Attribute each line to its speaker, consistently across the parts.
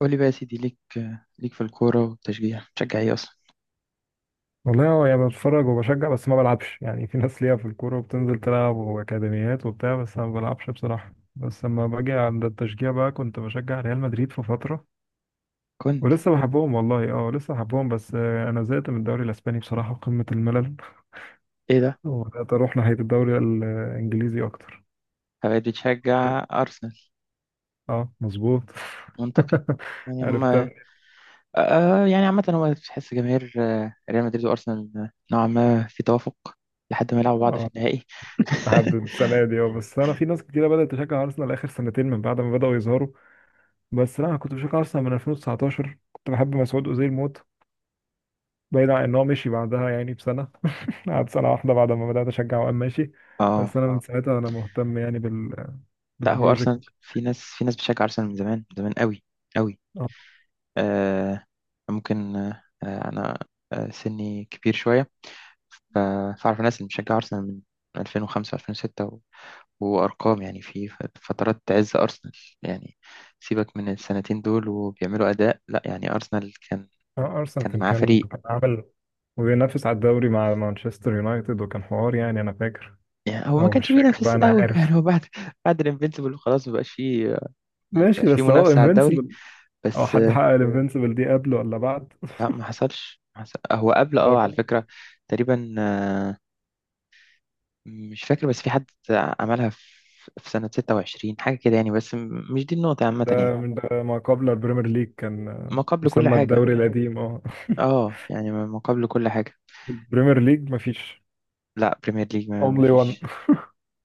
Speaker 1: قول لي بقى يا سيدي ليك في الكورة والتشجيع بتشجع ايه أصلا؟
Speaker 2: والله هو يعني بتفرج وبشجع، بس ما بلعبش. يعني في ناس ليها في الكورة وبتنزل تلعب وأكاديميات وبتاع، بس أنا ما بلعبش بصراحة. بس لما باجي عند التشجيع بقى كنت بشجع ريال مدريد في فترة
Speaker 1: كنت.
Speaker 2: ولسه بحبهم والله. اه لسه بحبهم، بس أنا زهقت من الدوري الأسباني بصراحة، قمة الملل.
Speaker 1: ايه ده؟
Speaker 2: وبدأت أروح ناحية الدوري الإنجليزي أكتر.
Speaker 1: بقيت بتشجع أرسنال.
Speaker 2: اه، مظبوط.
Speaker 1: منطقي. يعني
Speaker 2: عرفت
Speaker 1: هما
Speaker 2: أنا.
Speaker 1: يعني عامة هو تحس جماهير ريال مدريد وأرسنال، نوعا ما في توافق لحد ما يلعبوا بعض في
Speaker 2: اه،
Speaker 1: النهائي.
Speaker 2: لحد السنة دي. اه بس أنا في ناس كتيرة بدأت تشجع أرسنال آخر سنتين من بعد ما بدأوا يظهروا. بس لا، انا كنت بشجع ارسنال من 2019، كنت بحب مسعود اوزيل موت، بعيد عن ان هو مشي بعدها يعني بسنه. قعد سنه واحده بعد ما بدات اشجع وقام ماشي.
Speaker 1: اه،
Speaker 2: بس انا من ساعتها انا مهتم يعني
Speaker 1: لا هو
Speaker 2: بالبروجكت.
Speaker 1: أرسنال في ناس بتشجع أرسنال من زمان، من زمان قوي قوي.
Speaker 2: آه،
Speaker 1: آه ممكن، أنا سني كبير شوية، ف- فأعرف ناس اللي بتشجع أرسنال من 2005 2006 وأرقام، يعني في فترات عز أرسنال يعني. سيبك من السنتين دول وبيعملوا أداء، لا يعني أرسنال كان
Speaker 2: ارسنال
Speaker 1: كان
Speaker 2: كان
Speaker 1: معاه
Speaker 2: كان
Speaker 1: فريق،
Speaker 2: كان عامل، وبينافس على الدوري مع مانشستر يونايتد، وكان حوار. يعني انا فاكر
Speaker 1: يعني هو ما
Speaker 2: او مش
Speaker 1: كانش
Speaker 2: فاكر بقى،
Speaker 1: بينافس
Speaker 2: انا
Speaker 1: قوي،
Speaker 2: عارف
Speaker 1: يعني هو بعد بعد الانفينسيبل خلاص ما بقاش فيه، ما
Speaker 2: ماشي.
Speaker 1: بقاش فيه
Speaker 2: بس هو
Speaker 1: منافسة على الدوري.
Speaker 2: انفينسيبل، او
Speaker 1: بس
Speaker 2: حد حقق الانفينسيبل دي قبله ولا بعد؟
Speaker 1: لا ما حصلش ما حصل- هو قبل،
Speaker 2: ده
Speaker 1: اه، على فكرة
Speaker 2: جامد.
Speaker 1: تقريبا، مش فاكر بس في حد عملها في في سنة 26 حاجة كده يعني، بس مش دي النقطة عامة يعني.
Speaker 2: ده من ده ما قبل البريمير ليج، كان
Speaker 1: ما قبل كل
Speaker 2: مسمى
Speaker 1: حاجة،
Speaker 2: الدوري القديم اه.
Speaker 1: اه يعني ما قبل كل حاجة.
Speaker 2: البريمير ليج مفيش،
Speaker 1: لا بريمير ليج ما
Speaker 2: اونلي وان.
Speaker 1: فيش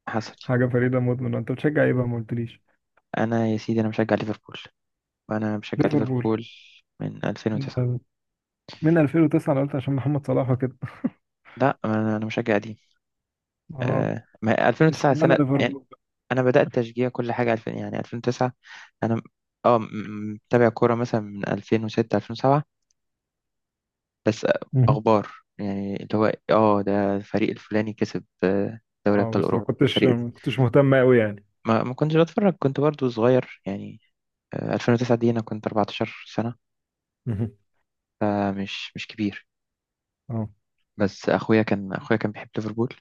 Speaker 1: حصل.
Speaker 2: حاجه فريده مدمنه. انت بتشجع ايه بقى، ما قلتليش؟
Speaker 1: انا يا سيدي انا مشجع ليفربول، وانا مشجع
Speaker 2: ليفربول؟
Speaker 1: ليفربول من
Speaker 2: أنت
Speaker 1: 2009.
Speaker 2: من 2009؟ انا قلت عشان محمد صلاح وكده.
Speaker 1: لا انا مشجع قديم.
Speaker 2: اه،
Speaker 1: آه ما 2009
Speaker 2: اشمعنى
Speaker 1: سنه يعني،
Speaker 2: ليفربول بقى؟
Speaker 1: انا بدات تشجيع كل حاجه 2000 يعني 2009. انا م- اه م- م- متابع كوره مثلا من 2006 2007، بس
Speaker 2: مهم.
Speaker 1: اخبار يعني اللي هو، اه، ده الفريق الفلاني كسب، دوري
Speaker 2: اه،
Speaker 1: ابطال
Speaker 2: بس ما
Speaker 1: اوروبا
Speaker 2: كنتش
Speaker 1: فريق.
Speaker 2: ما كنتش مهتم قوي يعني.
Speaker 1: ما كنتش بتفرج كنت برضو صغير يعني، 2009 دي انا كنت 14 سنه،
Speaker 2: مهم.
Speaker 1: فمش مش كبير.
Speaker 2: اه،
Speaker 1: بس اخويا كان، اخويا كان بيحب ليفربول،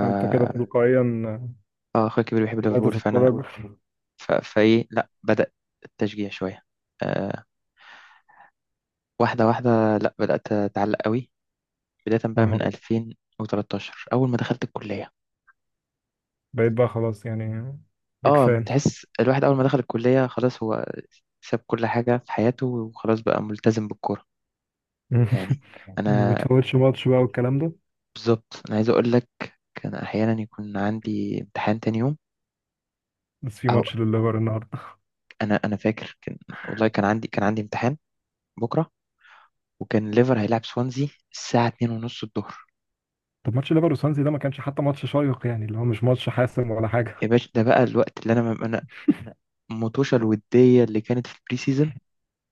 Speaker 2: فانت كده تلقائيا
Speaker 1: اه اخويا الكبير بيحب
Speaker 2: بدأت
Speaker 1: ليفربول فانا
Speaker 2: تتفرج.
Speaker 1: فايه لا بدأ التشجيع شويه، آه واحده واحده، لا بدأت اتعلق قوي. بدايه بقى من
Speaker 2: اه،
Speaker 1: 2013 اول ما دخلت الكليه.
Speaker 2: بقيت بقى خلاص يعني بيج
Speaker 1: اه
Speaker 2: فان.
Speaker 1: تحس الواحد اول ما دخل الكليه خلاص هو ساب كل حاجه في حياته وخلاص بقى ملتزم بالكوره يعني.
Speaker 2: ما
Speaker 1: انا
Speaker 2: بتفوتش ماتش بقى والكلام ده؟
Speaker 1: بالظبط انا عايز اقول لك، كان احيانا يكون عندي امتحان تاني يوم،
Speaker 2: بس في
Speaker 1: او
Speaker 2: ماتش لليفر النهارده.
Speaker 1: انا فاكر كان، والله كان عندي، كان عندي امتحان بكره، وكان ليفر هيلعب سوانزي الساعة 2 ونص الظهر.
Speaker 2: طب ماتش ليفر وسانسي ده ما كانش حتى ماتش شيق، يعني اللي هو مش ماتش حاسم ولا
Speaker 1: يا
Speaker 2: حاجه.
Speaker 1: باشا ده بقى الوقت اللي انا مطوشة الودية اللي كانت في البري سيزون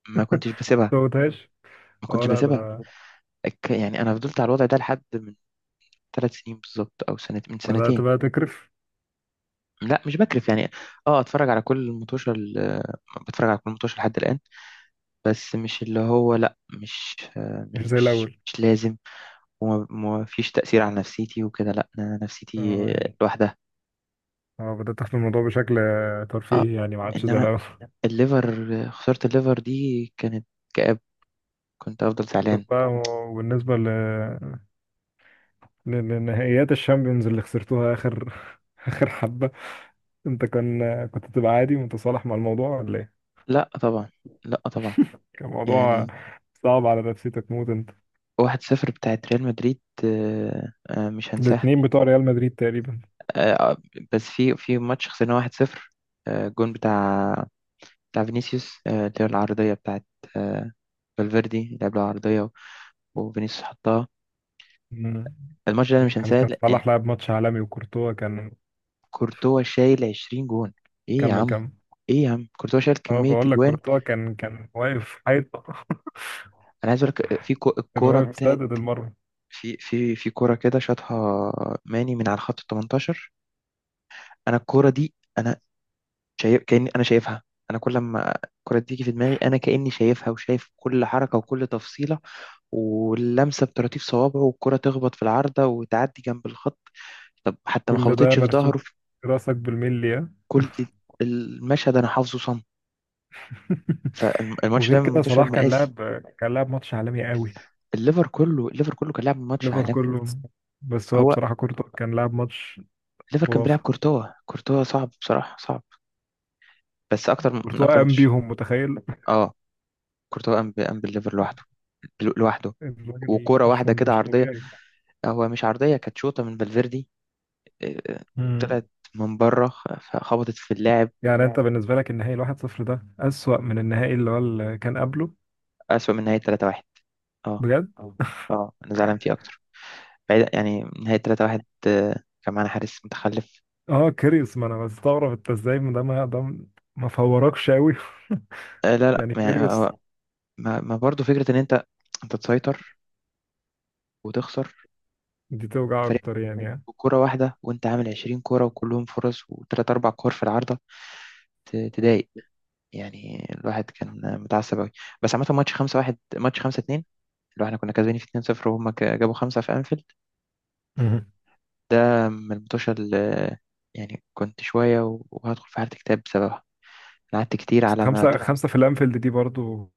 Speaker 1: ما كنتش
Speaker 2: ما
Speaker 1: بسيبها،
Speaker 2: فوتهاش.
Speaker 1: ما
Speaker 2: اه
Speaker 1: كنتش
Speaker 2: لا
Speaker 1: بسيبها.
Speaker 2: ده،
Speaker 1: يعني انا فضلت على الوضع ده لحد من ثلاث سنين بالظبط او سنة من
Speaker 2: بدأت
Speaker 1: سنتين.
Speaker 2: بقى تكرف؟
Speaker 1: لا مش بكرف يعني، اه اتفرج على كل بتفرج على كل مطوشة لحد الآن، بس مش اللي هو، لا مش، آه،
Speaker 2: مش زي
Speaker 1: مش
Speaker 2: الأول.
Speaker 1: مش لازم. وما ما فيش تأثير على نفسيتي وكده، لا أنا نفسيتي
Speaker 2: اه يعني،
Speaker 1: لوحدها.
Speaker 2: اه بدأت أخد الموضوع بشكل
Speaker 1: اه
Speaker 2: ترفيهي، يعني ما عادش زي
Speaker 1: انما
Speaker 2: الأول.
Speaker 1: الليفر، خسارة الليفر دي كانت كآب، كنت أفضل
Speaker 2: طب
Speaker 1: زعلان.
Speaker 2: بقى، وبالنسبة لنهائيات الشامبيونز اللي خسرتوها آخر آخر حبة. أنت كان، كنت تبقى عادي متصالح مع الموضوع ولا إيه؟
Speaker 1: لا طبعا، لا طبعا،
Speaker 2: كان موضوع
Speaker 1: يعني
Speaker 2: صعب على نفسيتك موت أنت.
Speaker 1: واحد صفر بتاعت ريال مدريد مش هنساها.
Speaker 2: الاتنين بتوع ريال مدريد تقريبا.
Speaker 1: آه، آه، بس في ماتش خسرنا واحد صفر، جون بتاع فينيسيوس، اللي هو العرضية بتاعت، آه، فالفيردي لعب له عرضية وفينيسيوس حطها.
Speaker 2: مم.
Speaker 1: الماتش ده أنا مش
Speaker 2: كان
Speaker 1: هنساه
Speaker 2: كان
Speaker 1: لأن
Speaker 2: صلاح لعب ماتش عالمي وكورتوا كان.
Speaker 1: كورتوا شايل 20 جون. إيه يا
Speaker 2: كمل
Speaker 1: عم،
Speaker 2: كمل.
Speaker 1: إيه يا عم كورتوا شايل
Speaker 2: اه،
Speaker 1: كمية
Speaker 2: بقول لك
Speaker 1: أجوان.
Speaker 2: كورتوا كان واقف حيطة،
Speaker 1: أنا عايز أقول لك في
Speaker 2: كان
Speaker 1: الكورة
Speaker 2: واقف
Speaker 1: بتاعت،
Speaker 2: سادد المرمى.
Speaker 1: في كرة كده شاطها ماني من على خط ال 18، انا الكرة دي انا شايف كأني انا شايفها، انا كل ما الكرة دي تيجي في دماغي انا كأني شايفها وشايف كل حركة وكل تفصيلة واللمسة بطراطيف صوابعه والكرة تخبط في العارضة وتعدي جنب الخط، طب حتى ما
Speaker 2: كل ده
Speaker 1: خبطتش في
Speaker 2: مرسوم
Speaker 1: ظهره،
Speaker 2: في
Speaker 1: في
Speaker 2: راسك بالملي، ها؟
Speaker 1: كل المشهد انا حافظه صم. فالماتش ده
Speaker 2: وغير
Speaker 1: من
Speaker 2: كده
Speaker 1: الماتش
Speaker 2: صلاح كان
Speaker 1: المقاسي.
Speaker 2: لاعب كان لاعب ماتش عالمي قوي.
Speaker 1: الليفر كله كان لاعب ماتش
Speaker 2: ليفر
Speaker 1: عالمي.
Speaker 2: كله. بس هو
Speaker 1: هو
Speaker 2: بصراحة كورتوا كان لاعب ماتش
Speaker 1: الليفر كان بيلعب
Speaker 2: خرافة.
Speaker 1: كورتوا، كورتوا صعب بصراحة، صعب، بس اكتر من
Speaker 2: كورتوا
Speaker 1: اكتر
Speaker 2: قام
Speaker 1: ماتش.
Speaker 2: بيهم، متخيل؟
Speaker 1: اه كورتوا قام بالليفر لوحده، لوحده.
Speaker 2: الراجل
Speaker 1: وكوره
Speaker 2: مش
Speaker 1: واحده كده
Speaker 2: مش
Speaker 1: عرضيه،
Speaker 2: طبيعي.
Speaker 1: هو مش عرضيه كانت شوطه من فالفيردي آه، آه،
Speaker 2: مم.
Speaker 1: طلعت من بره، خبطت في اللاعب.
Speaker 2: يعني انت بالنسبة لك النهائي الواحد صفر ده أسوأ من النهائي اللي هو اللي كان قبله؟
Speaker 1: اسوأ من نهايه 3-1، اه
Speaker 2: بجد؟
Speaker 1: اه انا زعلان فيه اكتر، بعيد يعني نهايه 3-1، كان معانا حارس متخلف.
Speaker 2: اه كيريوس، ما انا بستغرب انت ازاي ده ما فوركش قوي.
Speaker 1: آه، لا لا
Speaker 2: يعني
Speaker 1: ما يعني،
Speaker 2: كيريوس.
Speaker 1: هو- ما برضه فكره ان انت، انت تسيطر وتخسر
Speaker 2: دي توجع
Speaker 1: فريق
Speaker 2: اكتر يعني.
Speaker 1: كوره واحده وانت عامل 20 كوره وكلهم فرص وثلاث اربع كور في العارضه، تضايق يعني. الواحد كان متعصب أوي. بس عامة ماتش خمسة واحد، ماتش خمسة اتنين، اللي هو احنا كنا كسبانين في اتنين صفر وهم جابوا خمسة في أنفيلد.
Speaker 2: مم.
Speaker 1: ده من الماتش اللي يعني كنت شوية وهدخل في حالة اكتئاب بسببها. أنا قعدت كتير
Speaker 2: بس
Speaker 1: على ما
Speaker 2: خمسة
Speaker 1: تح-
Speaker 2: خمسة في الانفيلد دي برضو.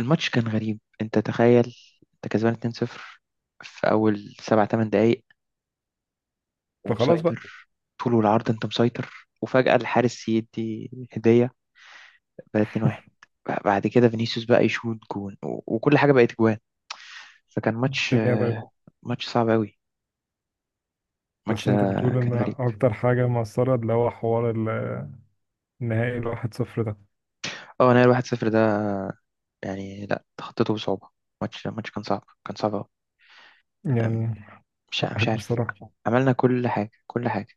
Speaker 1: الماتش كان غريب، أنت تخيل أنت كسبان اتنين صفر في أول سبع تمن دقايق
Speaker 2: فخلاص بقى
Speaker 1: ومسيطر طول والعرض، أنت مسيطر وفجأة الحارس يدي هدية بقى اتنين واحد، بعد كده فينيسيوس بقى يشوط جون وكل حاجة بقت جوان. فكان ماتش،
Speaker 2: الدنيا بقى.
Speaker 1: ماتش صعب قوي الماتش
Speaker 2: بس
Speaker 1: ده،
Speaker 2: انت بتقول ان
Speaker 1: كان غريب.
Speaker 2: اكتر حاجة مؤثرة اللي هو حوار النهائي الواحد صفر ده؟
Speaker 1: اه انا الواحد صفر ده يعني لا تخطيته بصعوبة، ماتش كان صعب، كان صعب أوي. أم،
Speaker 2: يعني
Speaker 1: مش
Speaker 2: حقك
Speaker 1: مش عارف،
Speaker 2: بصراحة.
Speaker 1: عملنا كل حاجة، كل حاجة.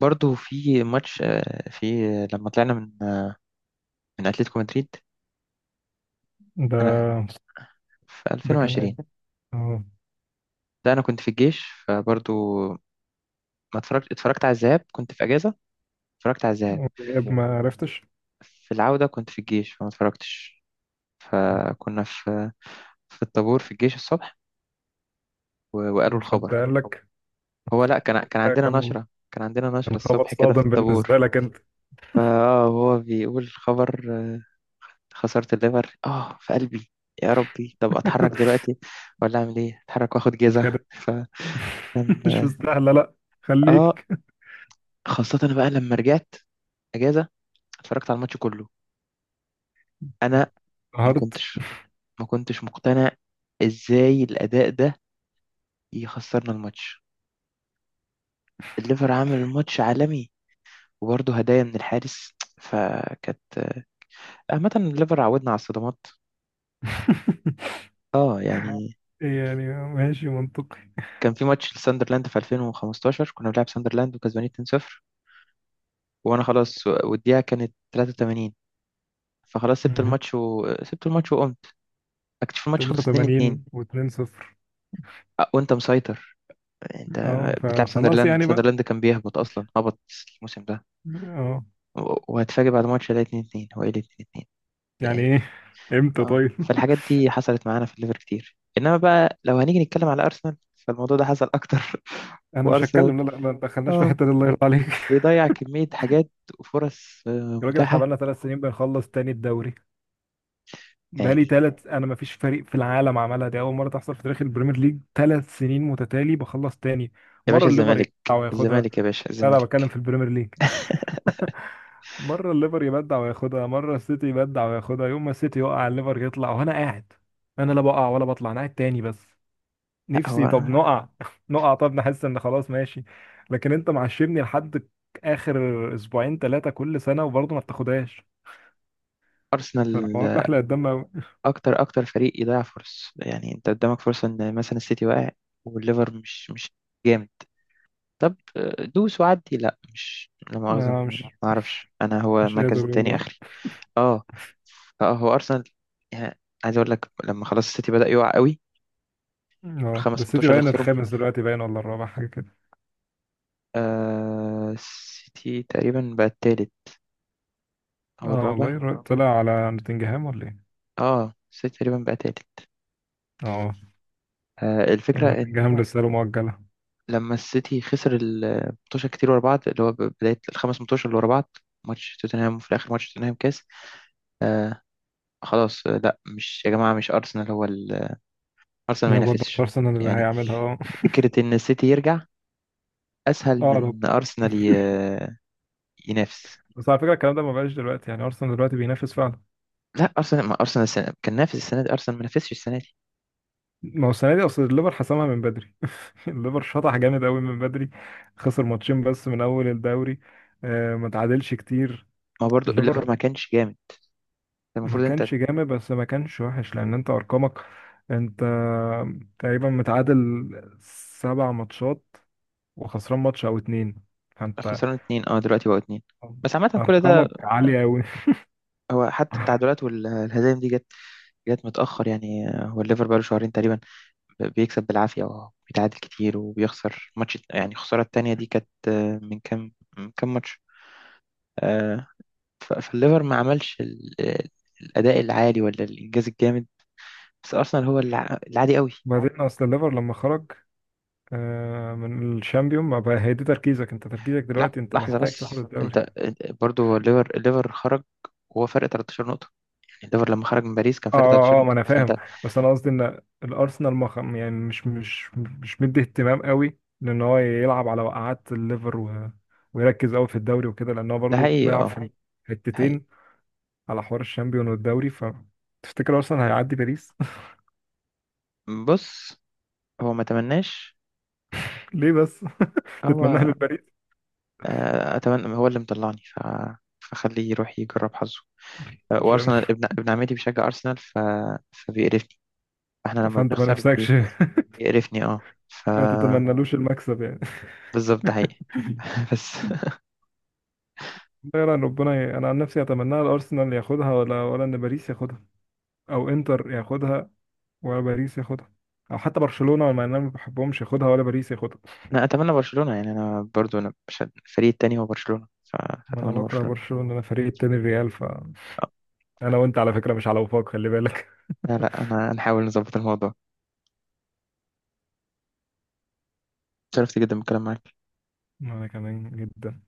Speaker 1: برضو في ماتش، آه، في لما طلعنا من من أتلتيكو مدريد
Speaker 2: ده
Speaker 1: أنا، في
Speaker 2: ده كان
Speaker 1: 2020،
Speaker 2: عيب. اه،
Speaker 1: ده أنا كنت في الجيش، فبرضو ما اتفرجت، اتفرجت على الذهاب، كنت في أجازة اتفرجت على الذهاب.
Speaker 2: عيب ما عرفتش.
Speaker 1: في العودة كنت في الجيش فما اتفرجتش. فكنا في في الطابور في الجيش الصبح، وقالوا
Speaker 2: وحد
Speaker 1: الخبر.
Speaker 2: قال لك؟
Speaker 1: هو لا كان، كان
Speaker 2: ده
Speaker 1: عندنا
Speaker 2: كان،
Speaker 1: نشرة، كان عندنا نشرة
Speaker 2: كان خبر
Speaker 1: الصبح كده
Speaker 2: صادم
Speaker 1: في
Speaker 2: بالنسبة
Speaker 1: الطابور.
Speaker 2: لك انت؟
Speaker 1: فاه هو بيقول خبر، خسارة الليفر اه في قلبي، يا ربي طب اتحرك دلوقتي ولا اعمل ايه، اتحرك واخد جيزة.
Speaker 2: كانت.
Speaker 1: فكان
Speaker 2: مش مستاهلة لا،
Speaker 1: اه
Speaker 2: خليك.
Speaker 1: خاصة أنا بقى لما رجعت اجازة اتفرجت على الماتش كله، انا ما
Speaker 2: قهرت.
Speaker 1: كنتش ما كنتش مقتنع ازاي الاداء ده يخسرنا الماتش، الليفر عامل الماتش عالمي وبرضه هدايا من الحارس. فكانت عامة الليفر عودنا على الصدمات، اه يعني.
Speaker 2: يعني ماشي منطقي.
Speaker 1: كان في ماتش لساندرلاند في 2015، كنا بنلعب ساندرلاند وكسبانين 2-0 وانا خلاص، والدقيقه كانت 83، فخلاص سبت
Speaker 2: مهم.
Speaker 1: الماتش، وسبت الماتش وقمت اكتشف الماتش خلص 2-2.
Speaker 2: 83 و2 صفر.
Speaker 1: أه، وانت مسيطر، انت
Speaker 2: اه،
Speaker 1: بتلعب
Speaker 2: فخلاص
Speaker 1: ساندرلاند
Speaker 2: يعني بقى.
Speaker 1: ساندرلاند كان بيهبط اصلا، هبط الموسم ده،
Speaker 2: اه،
Speaker 1: وهتفاجئ بعد ماتش ده 2-2، هو ايه 2-2
Speaker 2: يعني
Speaker 1: يعني.
Speaker 2: ايه، امتى
Speaker 1: اه
Speaker 2: طيب.
Speaker 1: فالحاجات دي حصلت معانا في الليفر كتير، انما بقى لو هنيجي نتكلم على ارسنال فالموضوع ده حصل اكتر،
Speaker 2: انا مش
Speaker 1: وارسنال
Speaker 2: هتكلم، لا لا، ما دخلناش في
Speaker 1: اه
Speaker 2: الحته دي، الله يرضى عليك.
Speaker 1: بيضيع كمية حاجات وفرص
Speaker 2: يا راجل احنا
Speaker 1: متاحة
Speaker 2: بقالنا 3 سنين بنخلص تاني الدوري. بقالي
Speaker 1: يعني.
Speaker 2: 3، انا ما فيش فريق في العالم عملها دي، اول مره تحصل في تاريخ البريمير ليج 3 سنين متتالي بخلص تاني،
Speaker 1: يا
Speaker 2: مره
Speaker 1: باشا
Speaker 2: الليفر
Speaker 1: الزمالك،
Speaker 2: يبدع وياخدها.
Speaker 1: الزمالك يا باشا
Speaker 2: لا لا،
Speaker 1: الزمالك.
Speaker 2: بتكلم في البريمير ليج. مره الليفر يبدع وياخدها، مره السيتي يبدع وياخدها، يوم ما السيتي يقع الليفر يطلع وانا قاعد. انا لا بقع ولا بطلع، انا قاعد تاني. بس
Speaker 1: لا
Speaker 2: نفسي، طب
Speaker 1: هو
Speaker 2: نقع. نقع، طب نحس ان خلاص ماشي. لكن انت معشمني لحد اخر اسبوعين ثلاثه كل سنه، وبرضه ما بتاخدهاش، فالحوار
Speaker 1: أرسنال
Speaker 2: ده احلى قدام أوي.
Speaker 1: أكتر أكتر فريق يضيع فرص، يعني أنت قدامك فرصة إن مثلا السيتي واقع والليفر مش جامد، طب دوس وعدي، لا مش لا مؤاخذة،
Speaker 2: ما
Speaker 1: ما أعرفش أنا، هو
Speaker 2: مش قادر
Speaker 1: المركز التاني
Speaker 2: والله.
Speaker 1: آخري. أه، هو أرسنال يعني، عايز أقول لك لما خلاص السيتي بدأ يقع قوي
Speaker 2: اه، ده
Speaker 1: والخمس
Speaker 2: السيتي
Speaker 1: ماتشات اللي
Speaker 2: باين
Speaker 1: خسرهم،
Speaker 2: الخامس دلوقتي، باين ولا الرابع، حاجه كده.
Speaker 1: آه السيتي تقريبا بقى التالت او
Speaker 2: اه
Speaker 1: الرابع.
Speaker 2: والله، طلع على نوتنجهام ولا ايه؟
Speaker 1: اه السيتي تقريبا بقى تالت.
Speaker 2: اه.
Speaker 1: آه الفكره إن
Speaker 2: نوتنجهام لسه له مؤجله.
Speaker 1: لما السيتي خسر الماتشات كتير ورا بعض اللي هو بدايه الخمس ماتشات اللي ورا بعض، ماتش توتنهام وفي الاخر ماتش توتنهام كاس، آه خلاص. آه لا مش يا جماعه، مش ارسنال هو ارسنال ما
Speaker 2: انا برضه مش
Speaker 1: ينافسش
Speaker 2: ارسنال اللي
Speaker 1: يعني،
Speaker 2: هيعملها اه.
Speaker 1: فكره ان السيتي يرجع اسهل من
Speaker 2: اه، رب.
Speaker 1: إن ارسنال ينافس.
Speaker 2: بس على فكره الكلام ده ما بقاش دلوقتي، يعني ارسنال دلوقتي بينافس فعلا.
Speaker 1: لا ارسنال، ما ارسنال السنة كان نافس، السنه دي ارسنال ما نافسش السنه دي.
Speaker 2: ما هو السنه دي اصل الليفر حسمها من بدري، الليفر شطح جامد قوي من بدري، خسر ماتشين بس من اول الدوري، ما تعادلش كتير.
Speaker 1: ما برضو
Speaker 2: الليفر
Speaker 1: الليفر ما كانش جامد،
Speaker 2: ما
Speaker 1: المفروض انت
Speaker 2: كانش جامد، بس ما كانش وحش، لان انت ارقامك، انت تقريبا متعادل 7 ماتشات وخسران ماتش او اتنين، فانت
Speaker 1: خسران اتنين، اه دلوقتي بقوا اتنين، بس عامة كل ده.
Speaker 2: ارقامك عالية قوي.
Speaker 1: هو حتى التعادلات والهزايم دي جت، جت متأخر يعني، هو الليفر بقاله شهرين تقريبا بيكسب بالعافية وبيتعادل كتير وبيخسر ماتش، يعني الخسارة التانية دي كانت، من كام ماتش، آه، فالليفر ما عملش الأداء العالي ولا الإنجاز الجامد، بس أرسنال هو العادي قوي.
Speaker 2: بعدين اصل الليفر لما خرج من الشامبيون، ما بقى هي دي تركيزك، انت تركيزك
Speaker 1: لا
Speaker 2: دلوقتي انت
Speaker 1: لحظة
Speaker 2: محتاج تاخد
Speaker 1: بس
Speaker 2: الدوري.
Speaker 1: برضو هو الليفر خرج وهو فرق 13 نقطة، يعني الليفر لما خرج من باريس كان فرق 13
Speaker 2: اه، اه، ما
Speaker 1: نقطة
Speaker 2: انا
Speaker 1: فأنت.
Speaker 2: فاهم. بس انا قصدي ان الارسنال يعني مش مدي اهتمام قوي، لان هو يلعب على وقعات الليفر ويركز قوي في الدوري وكده، لان هو
Speaker 1: ده
Speaker 2: برضه
Speaker 1: حقيقي،
Speaker 2: بيلعب
Speaker 1: اه
Speaker 2: في
Speaker 1: حقيقي.
Speaker 2: حتتين، على حوار الشامبيون والدوري. ف تفتكر ارسنال هيعدي باريس؟
Speaker 1: بص هو ما تمناش،
Speaker 2: ليه بس؟ تتمناها
Speaker 1: هو
Speaker 2: للباريس؟
Speaker 1: اتمنى هو اللي مطلعني فخليه يروح يجرب حظه.
Speaker 2: عشان.
Speaker 1: وارسنال ابن عمتي بيشجع ارسنال فبيقرفني، احنا لما
Speaker 2: فانت ما
Speaker 1: بنخسر
Speaker 2: نفسكش
Speaker 1: بيقرفني اه ف
Speaker 2: ما تتمنالوش المكسب يعني.
Speaker 1: بالظبط ده حقيقي. بس
Speaker 2: غير ان ربنا انا عن نفسي اتمناها الارسنال ياخدها ولا، ولا ان باريس ياخدها، او انتر ياخدها، ولا باريس ياخدها، او حتى برشلونه، ولا انا ما بحبهمش ياخدها، ولا باريس ياخدها.
Speaker 1: انا اتمنى برشلونة يعني، انا برضو انا مش، الفريق التاني هو برشلونة
Speaker 2: ما انا
Speaker 1: فاتمنى
Speaker 2: بكره
Speaker 1: برشلونة.
Speaker 2: برشلونه، انا فريق التاني الريال. ف
Speaker 1: آه.
Speaker 2: انا وانت على فكره مش على وفاق، خلي بالك.
Speaker 1: لا لا انا هنحاول نظبط الموضوع. شرفت جدا بالكلام معاك.
Speaker 2: انا كمان جدا.